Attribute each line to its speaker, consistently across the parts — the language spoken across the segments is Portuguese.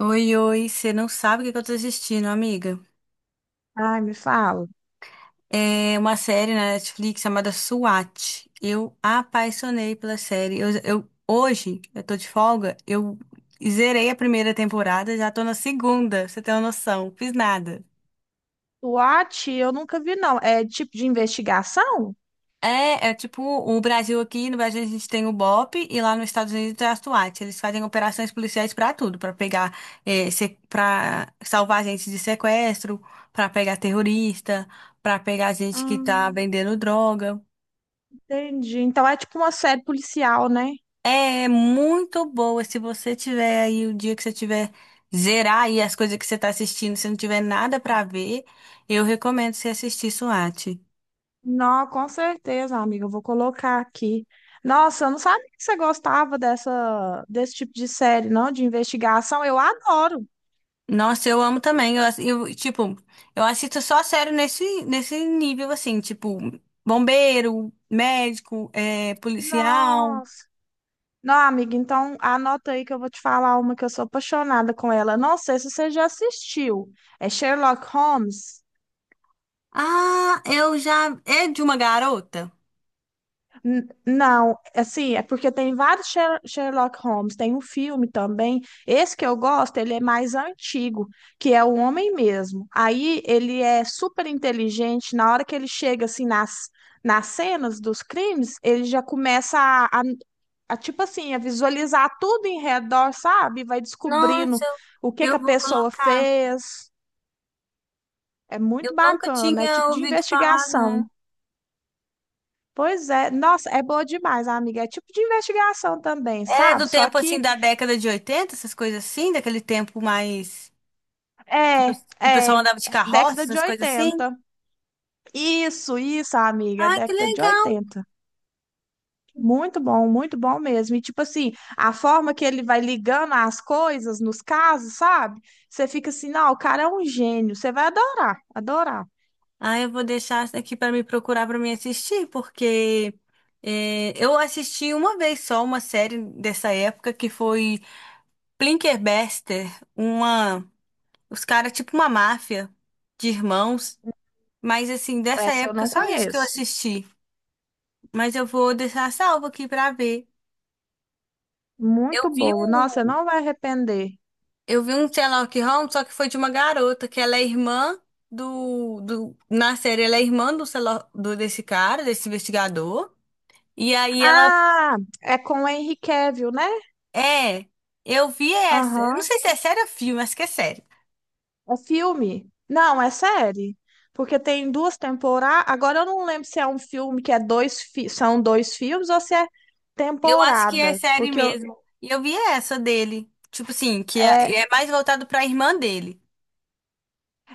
Speaker 1: Oi, oi, você não sabe o que que eu tô assistindo, amiga.
Speaker 2: Ai, me fala.
Speaker 1: É uma série na Netflix chamada SWAT. Eu apaixonei pela série. Hoje, eu tô de folga, eu zerei a primeira temporada, já tô na segunda, pra você tem uma noção. Fiz nada.
Speaker 2: SWAT, eu nunca vi, não. É tipo de investigação?
Speaker 1: É tipo o Brasil aqui, no Brasil a gente tem o BOP e lá nos Estados Unidos é a SWAT. Eles fazem operações policiais pra tudo, pra pegar, pra salvar gente de sequestro, pra pegar terrorista, pra pegar gente que
Speaker 2: Ah,
Speaker 1: tá vendendo droga.
Speaker 2: entendi. Então é tipo uma série policial, né?
Speaker 1: É muito boa, se você tiver aí, o dia que você tiver zerar aí as coisas que você tá assistindo, se não tiver nada pra ver, eu recomendo você assistir SWAT.
Speaker 2: Não, com certeza, amiga. Eu vou colocar aqui. Nossa, eu não sabia que você gostava dessa, desse tipo de série, não? De investigação. Eu adoro.
Speaker 1: Nossa, eu amo também. Tipo, eu assisto só sério nesse nível, assim, tipo, bombeiro, médico, é, policial.
Speaker 2: Nossa. Não, amiga, então anota aí que eu vou te falar uma que eu sou apaixonada com ela. Não sei se você já assistiu. É Sherlock Holmes.
Speaker 1: Ah, eu já. É de uma garota?
Speaker 2: Não, assim, é porque tem vários Sherlock Holmes, tem um filme também. Esse que eu gosto, ele é mais antigo, que é o homem mesmo. Aí ele é super inteligente, na hora que ele chega assim nas cenas dos crimes, ele já começa tipo assim, a visualizar tudo em redor, sabe? Vai descobrindo
Speaker 1: Nossa,
Speaker 2: o que
Speaker 1: eu
Speaker 2: que a
Speaker 1: vou
Speaker 2: pessoa
Speaker 1: colocar.
Speaker 2: fez. É
Speaker 1: Eu
Speaker 2: muito
Speaker 1: nunca
Speaker 2: bacana, é
Speaker 1: tinha
Speaker 2: tipo de
Speaker 1: ouvido falar, não.
Speaker 2: investigação. Pois é, nossa, é boa demais, amiga. É tipo de investigação também,
Speaker 1: Ela é
Speaker 2: sabe?
Speaker 1: do
Speaker 2: Só
Speaker 1: tempo, assim,
Speaker 2: que
Speaker 1: da década de oitenta, essas coisas assim, daquele tempo mais. Que o
Speaker 2: é,
Speaker 1: que o pessoal
Speaker 2: é
Speaker 1: andava de carroça,
Speaker 2: década de
Speaker 1: essas coisas assim.
Speaker 2: oitenta. Isso, amiga, é
Speaker 1: Ai, que
Speaker 2: década de
Speaker 1: legal!
Speaker 2: oitenta. Muito bom mesmo. E tipo assim, a forma que ele vai ligando as coisas nos casos, sabe? Você fica assim, não, o cara é um gênio. Você vai adorar, adorar.
Speaker 1: Ah, eu vou deixar essa aqui para me procurar, para me assistir, porque é, eu assisti uma vez só uma série dessa época, que foi Plinkerberster, uma, os caras tipo uma máfia de irmãos, mas assim dessa
Speaker 2: Essa eu
Speaker 1: época
Speaker 2: não
Speaker 1: só isso que eu
Speaker 2: conheço.
Speaker 1: assisti. Mas eu vou deixar salvo aqui para ver. Eu
Speaker 2: Muito
Speaker 1: vi
Speaker 2: boa. Nossa,
Speaker 1: um,
Speaker 2: não vai arrepender.
Speaker 1: eu vi um Sherlock Holmes, só que foi de uma garota que ela é irmã do na série, ela é irmã do Sherlock- do desse cara, desse investigador. E aí ela.
Speaker 2: Ah, é com o Henry Cavill, né?
Speaker 1: É, eu vi essa. Eu não
Speaker 2: Aham.
Speaker 1: sei se é série ou filme, acho que é série.
Speaker 2: É filme? Não, é série. Porque tem duas temporadas. Agora eu não lembro se é um filme que é dois são dois filmes ou se é
Speaker 1: Eu acho que é
Speaker 2: temporada.
Speaker 1: série mesmo. E eu vi essa dele.
Speaker 2: É,
Speaker 1: É mais voltado pra irmã dele.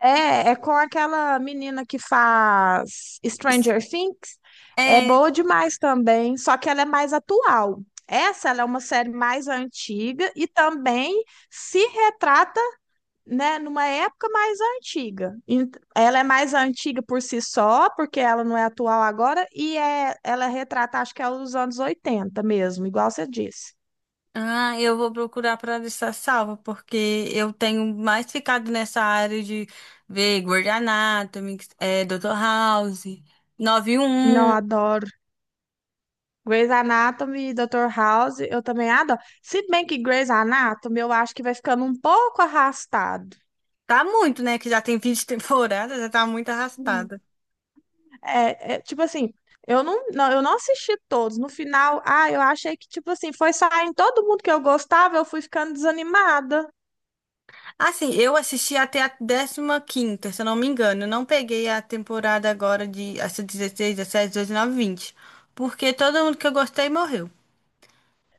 Speaker 2: é, é com aquela menina que faz
Speaker 1: Isso-
Speaker 2: Stranger Things. É
Speaker 1: É.
Speaker 2: boa demais também, só que ela é mais atual. Essa ela é uma série mais antiga e também se retrata, né, numa época mais antiga. Ela é mais antiga por si só, porque ela não é atual agora, e é, ela retrata, acho que é os anos 80 mesmo, igual você disse.
Speaker 1: Ah, eu vou procurar pra deixar salva, porque eu tenho mais ficado nessa área de ver Grey's Anatomy, é, Dr. House, nove um.
Speaker 2: Não,
Speaker 1: Um.
Speaker 2: adoro. Grey's Anatomy, Dr. House, eu também adoro. Se bem que Grey's Anatomy, eu acho que vai ficando um pouco arrastado.
Speaker 1: Tá muito, né? Que já tem 20 temporadas, já tá muito
Speaker 2: Hum.
Speaker 1: arrastada.
Speaker 2: Tipo assim, eu não assisti todos. No final, ah, eu achei que, tipo assim, foi saindo todo mundo que eu gostava, eu fui ficando desanimada.
Speaker 1: Assim, eu assisti até a décima quinta, se eu não me engano. Eu não peguei a temporada agora de, essa, dezesseis, dezessete, 19, vinte. Porque todo mundo que eu gostei morreu.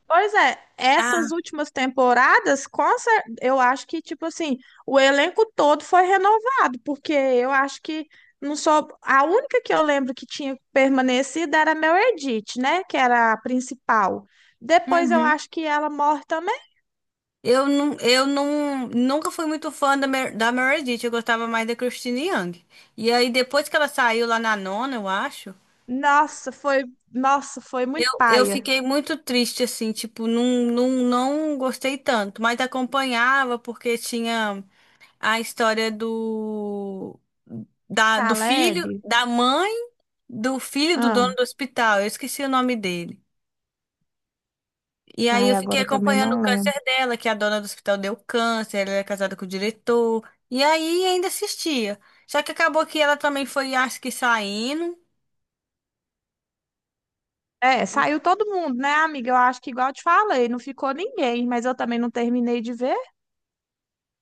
Speaker 2: Pois é, essas
Speaker 1: Ah,
Speaker 2: últimas temporadas, eu acho que, tipo assim, o elenco todo foi renovado, porque eu acho que não, só a única que eu lembro que tinha permanecido era a Meredith, né? Que era a principal. Depois eu
Speaker 1: uhum.
Speaker 2: acho que ela morre também.
Speaker 1: Eu não, nunca fui muito fã da Meredith, eu gostava mais da Christine Young. E aí, depois que ela saiu lá na nona, eu acho,
Speaker 2: Nossa, foi, nossa, foi
Speaker 1: eu,
Speaker 2: muito
Speaker 1: eu
Speaker 2: paia.
Speaker 1: fiquei muito triste, assim, tipo, não gostei tanto, mas acompanhava porque tinha a história do do
Speaker 2: Caleb.
Speaker 1: filho, da mãe, do filho do dono
Speaker 2: Ah,
Speaker 1: do hospital. Eu esqueci o nome dele. E aí
Speaker 2: ai,
Speaker 1: eu fiquei
Speaker 2: agora eu também
Speaker 1: acompanhando o
Speaker 2: não
Speaker 1: câncer
Speaker 2: lembro.
Speaker 1: dela, que a dona do hospital deu câncer, ela era casada com o diretor. E aí ainda assistia. Só que acabou que ela também foi, acho que saindo.
Speaker 2: É, saiu todo mundo, né, amiga? Eu acho que igual eu te falei, não ficou ninguém, mas eu também não terminei de ver.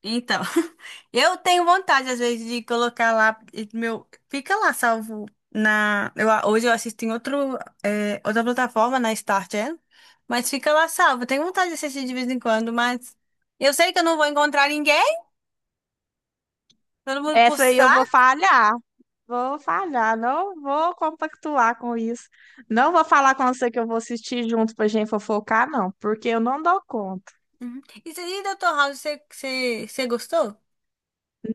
Speaker 1: Então, eu tenho vontade, às vezes, de colocar lá, e meu, fica lá salvo na, eu, a- hoje eu assisto em outro, é, outra plataforma, na Star Channel, mas fica lá salvo. Eu tenho vontade de assistir de vez em quando, mas eu sei que eu não vou encontrar ninguém, todo mundo pro
Speaker 2: Essa aí eu vou
Speaker 1: saco.
Speaker 2: falhar. Vou falhar, não vou compactuar com isso. Não vou falar com você que eu vou assistir junto pra gente fofocar, não, porque eu não dou conta.
Speaker 1: Uhum. E, se- e Dr. House, você gostou?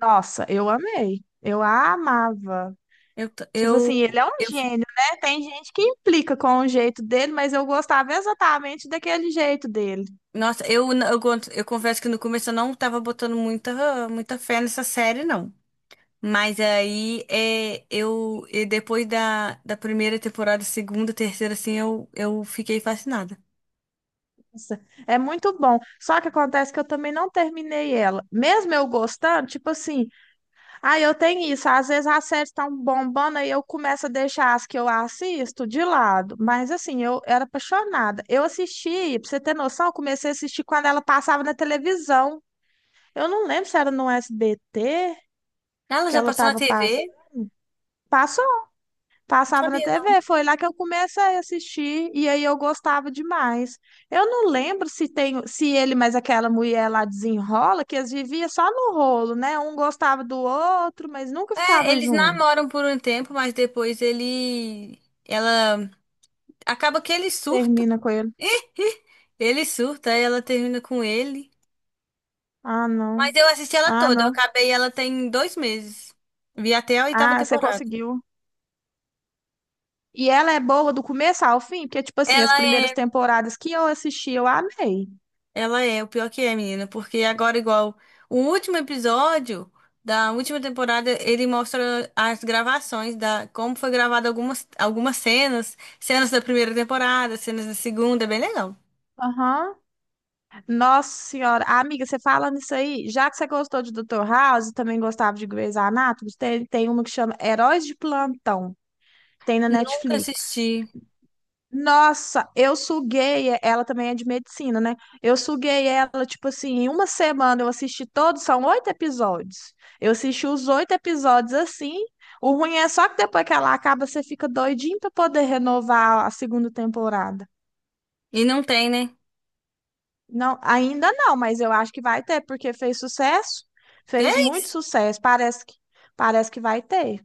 Speaker 2: Nossa, eu amei. Eu amava.
Speaker 1: Eu, t-
Speaker 2: Tipo assim, ele é um
Speaker 1: eu, fi-
Speaker 2: gênio, né? Tem gente que implica com o jeito dele, mas eu gostava exatamente daquele jeito dele.
Speaker 1: nossa, eu, n- eu, cont- Eu confesso que no começo eu não tava botando muita fé nessa série, não. Mas aí é, eu e depois da primeira temporada, segunda, terceira, assim, eu fiquei fascinada.
Speaker 2: Nossa, é muito bom. Só que acontece que eu também não terminei ela. Mesmo eu gostando, tipo assim, ah, eu tenho isso. Às vezes as séries estão bombando aí eu começo a deixar as que eu assisto de lado. Mas assim, eu era apaixonada. Eu assisti, pra você ter noção, eu comecei a assistir quando ela passava na televisão. Eu não lembro se era no SBT
Speaker 1: Ela
Speaker 2: que
Speaker 1: já
Speaker 2: ela
Speaker 1: passou na
Speaker 2: tava
Speaker 1: TV?
Speaker 2: passando.
Speaker 1: Não
Speaker 2: Passava na
Speaker 1: sabia, não.
Speaker 2: TV, foi lá que eu comecei a assistir e aí eu gostava demais. Eu não lembro se tem, se ele mais aquela mulher lá desenrola, que eles viviam só no rolo, né? Um gostava do outro, mas nunca
Speaker 1: É,
Speaker 2: ficava
Speaker 1: eles
Speaker 2: junto.
Speaker 1: namoram por um tempo, mas depois ele. Ela. Acaba que ele surta.
Speaker 2: Termina com ele.
Speaker 1: Ele surta, aí ela termina com ele.
Speaker 2: Ah,
Speaker 1: Mas
Speaker 2: não.
Speaker 1: eu assisti ela
Speaker 2: Ah,
Speaker 1: toda, eu
Speaker 2: não.
Speaker 1: acabei ela tem dois meses. Vi até a oitava
Speaker 2: Ah, você
Speaker 1: temporada.
Speaker 2: conseguiu. E ela é boa do começo ao fim, porque tipo assim, as
Speaker 1: Ela
Speaker 2: primeiras
Speaker 1: é.
Speaker 2: temporadas que eu assisti, eu amei.
Speaker 1: O pior que é, menina, porque agora, igual o último episódio da última temporada, ele mostra as gravações da como foi gravada algumas cenas, cenas da primeira temporada, cenas da segunda, é bem legal.
Speaker 2: Aham. Nossa senhora, amiga, você falando isso aí, já que você gostou de Doutor House, também gostava de Grey's Anatomy, tem uma que chama Heróis de Plantão, tem na
Speaker 1: Nunca
Speaker 2: Netflix.
Speaker 1: assisti.
Speaker 2: Nossa, eu suguei, ela também é de medicina, né? Eu suguei ela, tipo assim, em uma semana eu assisti todos, são oito episódios. Eu assisti os oito episódios assim. O ruim é só que depois que ela acaba, você fica doidinho pra poder renovar a segunda temporada.
Speaker 1: E não tem, né?
Speaker 2: Não, ainda não, mas eu acho que vai ter, porque fez sucesso, fez
Speaker 1: Tem?
Speaker 2: muito sucesso, parece que vai ter.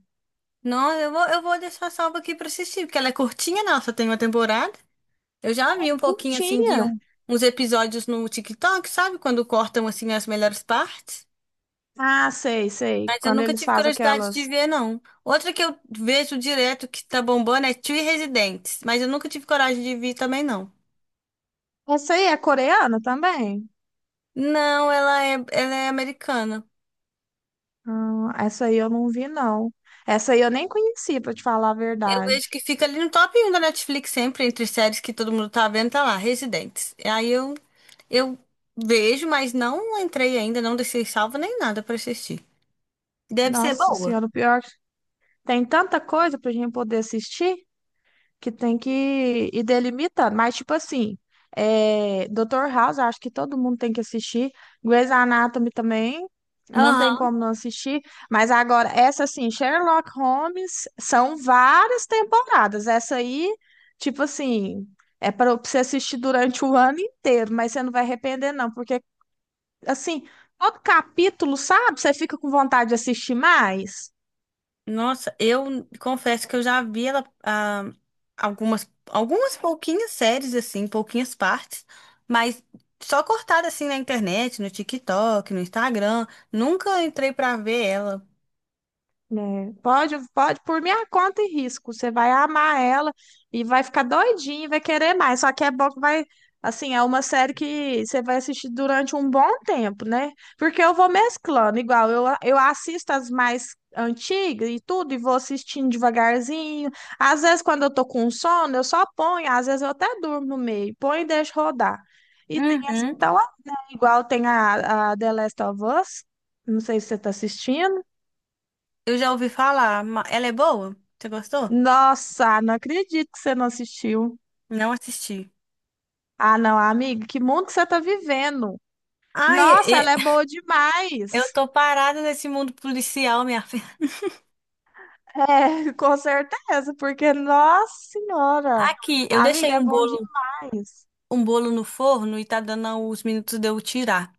Speaker 1: Não, eu vou deixar salva aqui pra assistir, porque ela é curtinha, não, só tem uma temporada. Eu já vi
Speaker 2: Ai,
Speaker 1: um pouquinho assim de
Speaker 2: curtinha.
Speaker 1: um- uns episódios no TikTok, sabe? Quando cortam assim as melhores partes.
Speaker 2: Ah, sei, sei.
Speaker 1: Mas eu
Speaker 2: Quando
Speaker 1: nunca
Speaker 2: eles
Speaker 1: tive
Speaker 2: fazem
Speaker 1: curiosidade de
Speaker 2: aquelas.
Speaker 1: ver, não. Outra que eu vejo direto que tá bombando é Three Residentes, mas eu nunca tive coragem de ver também, não.
Speaker 2: Essa aí é coreana também?
Speaker 1: Não, ela é americana.
Speaker 2: Ah, essa aí eu não vi, não. Essa aí eu nem conheci, pra te falar a
Speaker 1: Eu
Speaker 2: verdade.
Speaker 1: vejo que fica ali no top 1 da Netflix sempre, entre séries que todo mundo tá vendo, tá lá, Residentes. Aí eu vejo, mas não entrei ainda, não deixei salvo nem nada pra assistir. Deve ser
Speaker 2: Nossa
Speaker 1: boa.
Speaker 2: Senhora, o pior que tem tanta coisa pra gente poder assistir, que tem que ir delimitando. Mas, tipo assim, é, Dr. House, eu acho que todo mundo tem que assistir. Grey's Anatomy também, não tem
Speaker 1: Aham.
Speaker 2: como não assistir. Mas agora, essa assim, Sherlock Holmes, são várias temporadas. Essa aí, tipo assim, é para você assistir durante o ano inteiro, mas você não vai arrepender, não, porque, assim, todo capítulo, sabe? Você fica com vontade de assistir mais.
Speaker 1: Nossa, eu confesso que eu já vi ela, ah, algumas pouquinhas séries, assim, pouquinhas partes, mas só cortada assim na internet, no TikTok, no Instagram. Nunca entrei pra ver ela.
Speaker 2: Né? Pode, pode, por minha conta e risco. Você vai amar ela e vai ficar doidinho, e vai querer mais. Só que é bom que vai, assim, é uma série que você vai assistir durante um bom tempo, né? Porque eu vou mesclando, igual eu assisto as mais antigas e tudo, e vou assistindo devagarzinho. Às vezes, quando eu tô com sono, eu só ponho, às vezes eu até durmo no meio, ponho e deixo rodar. E tem as que
Speaker 1: Uhum.
Speaker 2: estão, igual tem a The Last of Us. Não sei se você tá assistindo.
Speaker 1: Eu já ouvi falar, ma- ela é boa? Você gostou?
Speaker 2: Nossa, não acredito que você não assistiu.
Speaker 1: Não assisti.
Speaker 2: Ah, não, amiga, que mundo que você tá vivendo.
Speaker 1: Ai, e-
Speaker 2: Nossa, ela
Speaker 1: e-
Speaker 2: é boa
Speaker 1: eu
Speaker 2: demais.
Speaker 1: tô parada nesse mundo policial, minha filha.
Speaker 2: É, com certeza, porque, nossa senhora,
Speaker 1: Aqui, eu deixei
Speaker 2: amiga, é bom demais.
Speaker 1: um bolo no forno, e tá dando os minutos de eu tirar.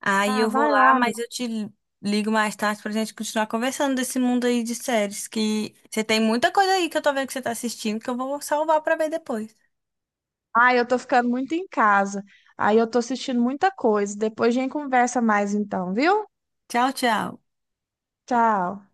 Speaker 1: Aí
Speaker 2: Ah,
Speaker 1: eu vou
Speaker 2: vai
Speaker 1: lá,
Speaker 2: lá,
Speaker 1: mas
Speaker 2: amiga.
Speaker 1: eu te ligo mais tarde pra gente continuar conversando desse mundo aí de séries, que você tem muita coisa aí que eu tô vendo que você tá assistindo que eu vou salvar pra ver depois.
Speaker 2: Ah, eu tô ficando muito em casa. Aí eu tô assistindo muita coisa. Depois a gente conversa mais então, viu?
Speaker 1: Tchau, tchau.
Speaker 2: Tchau.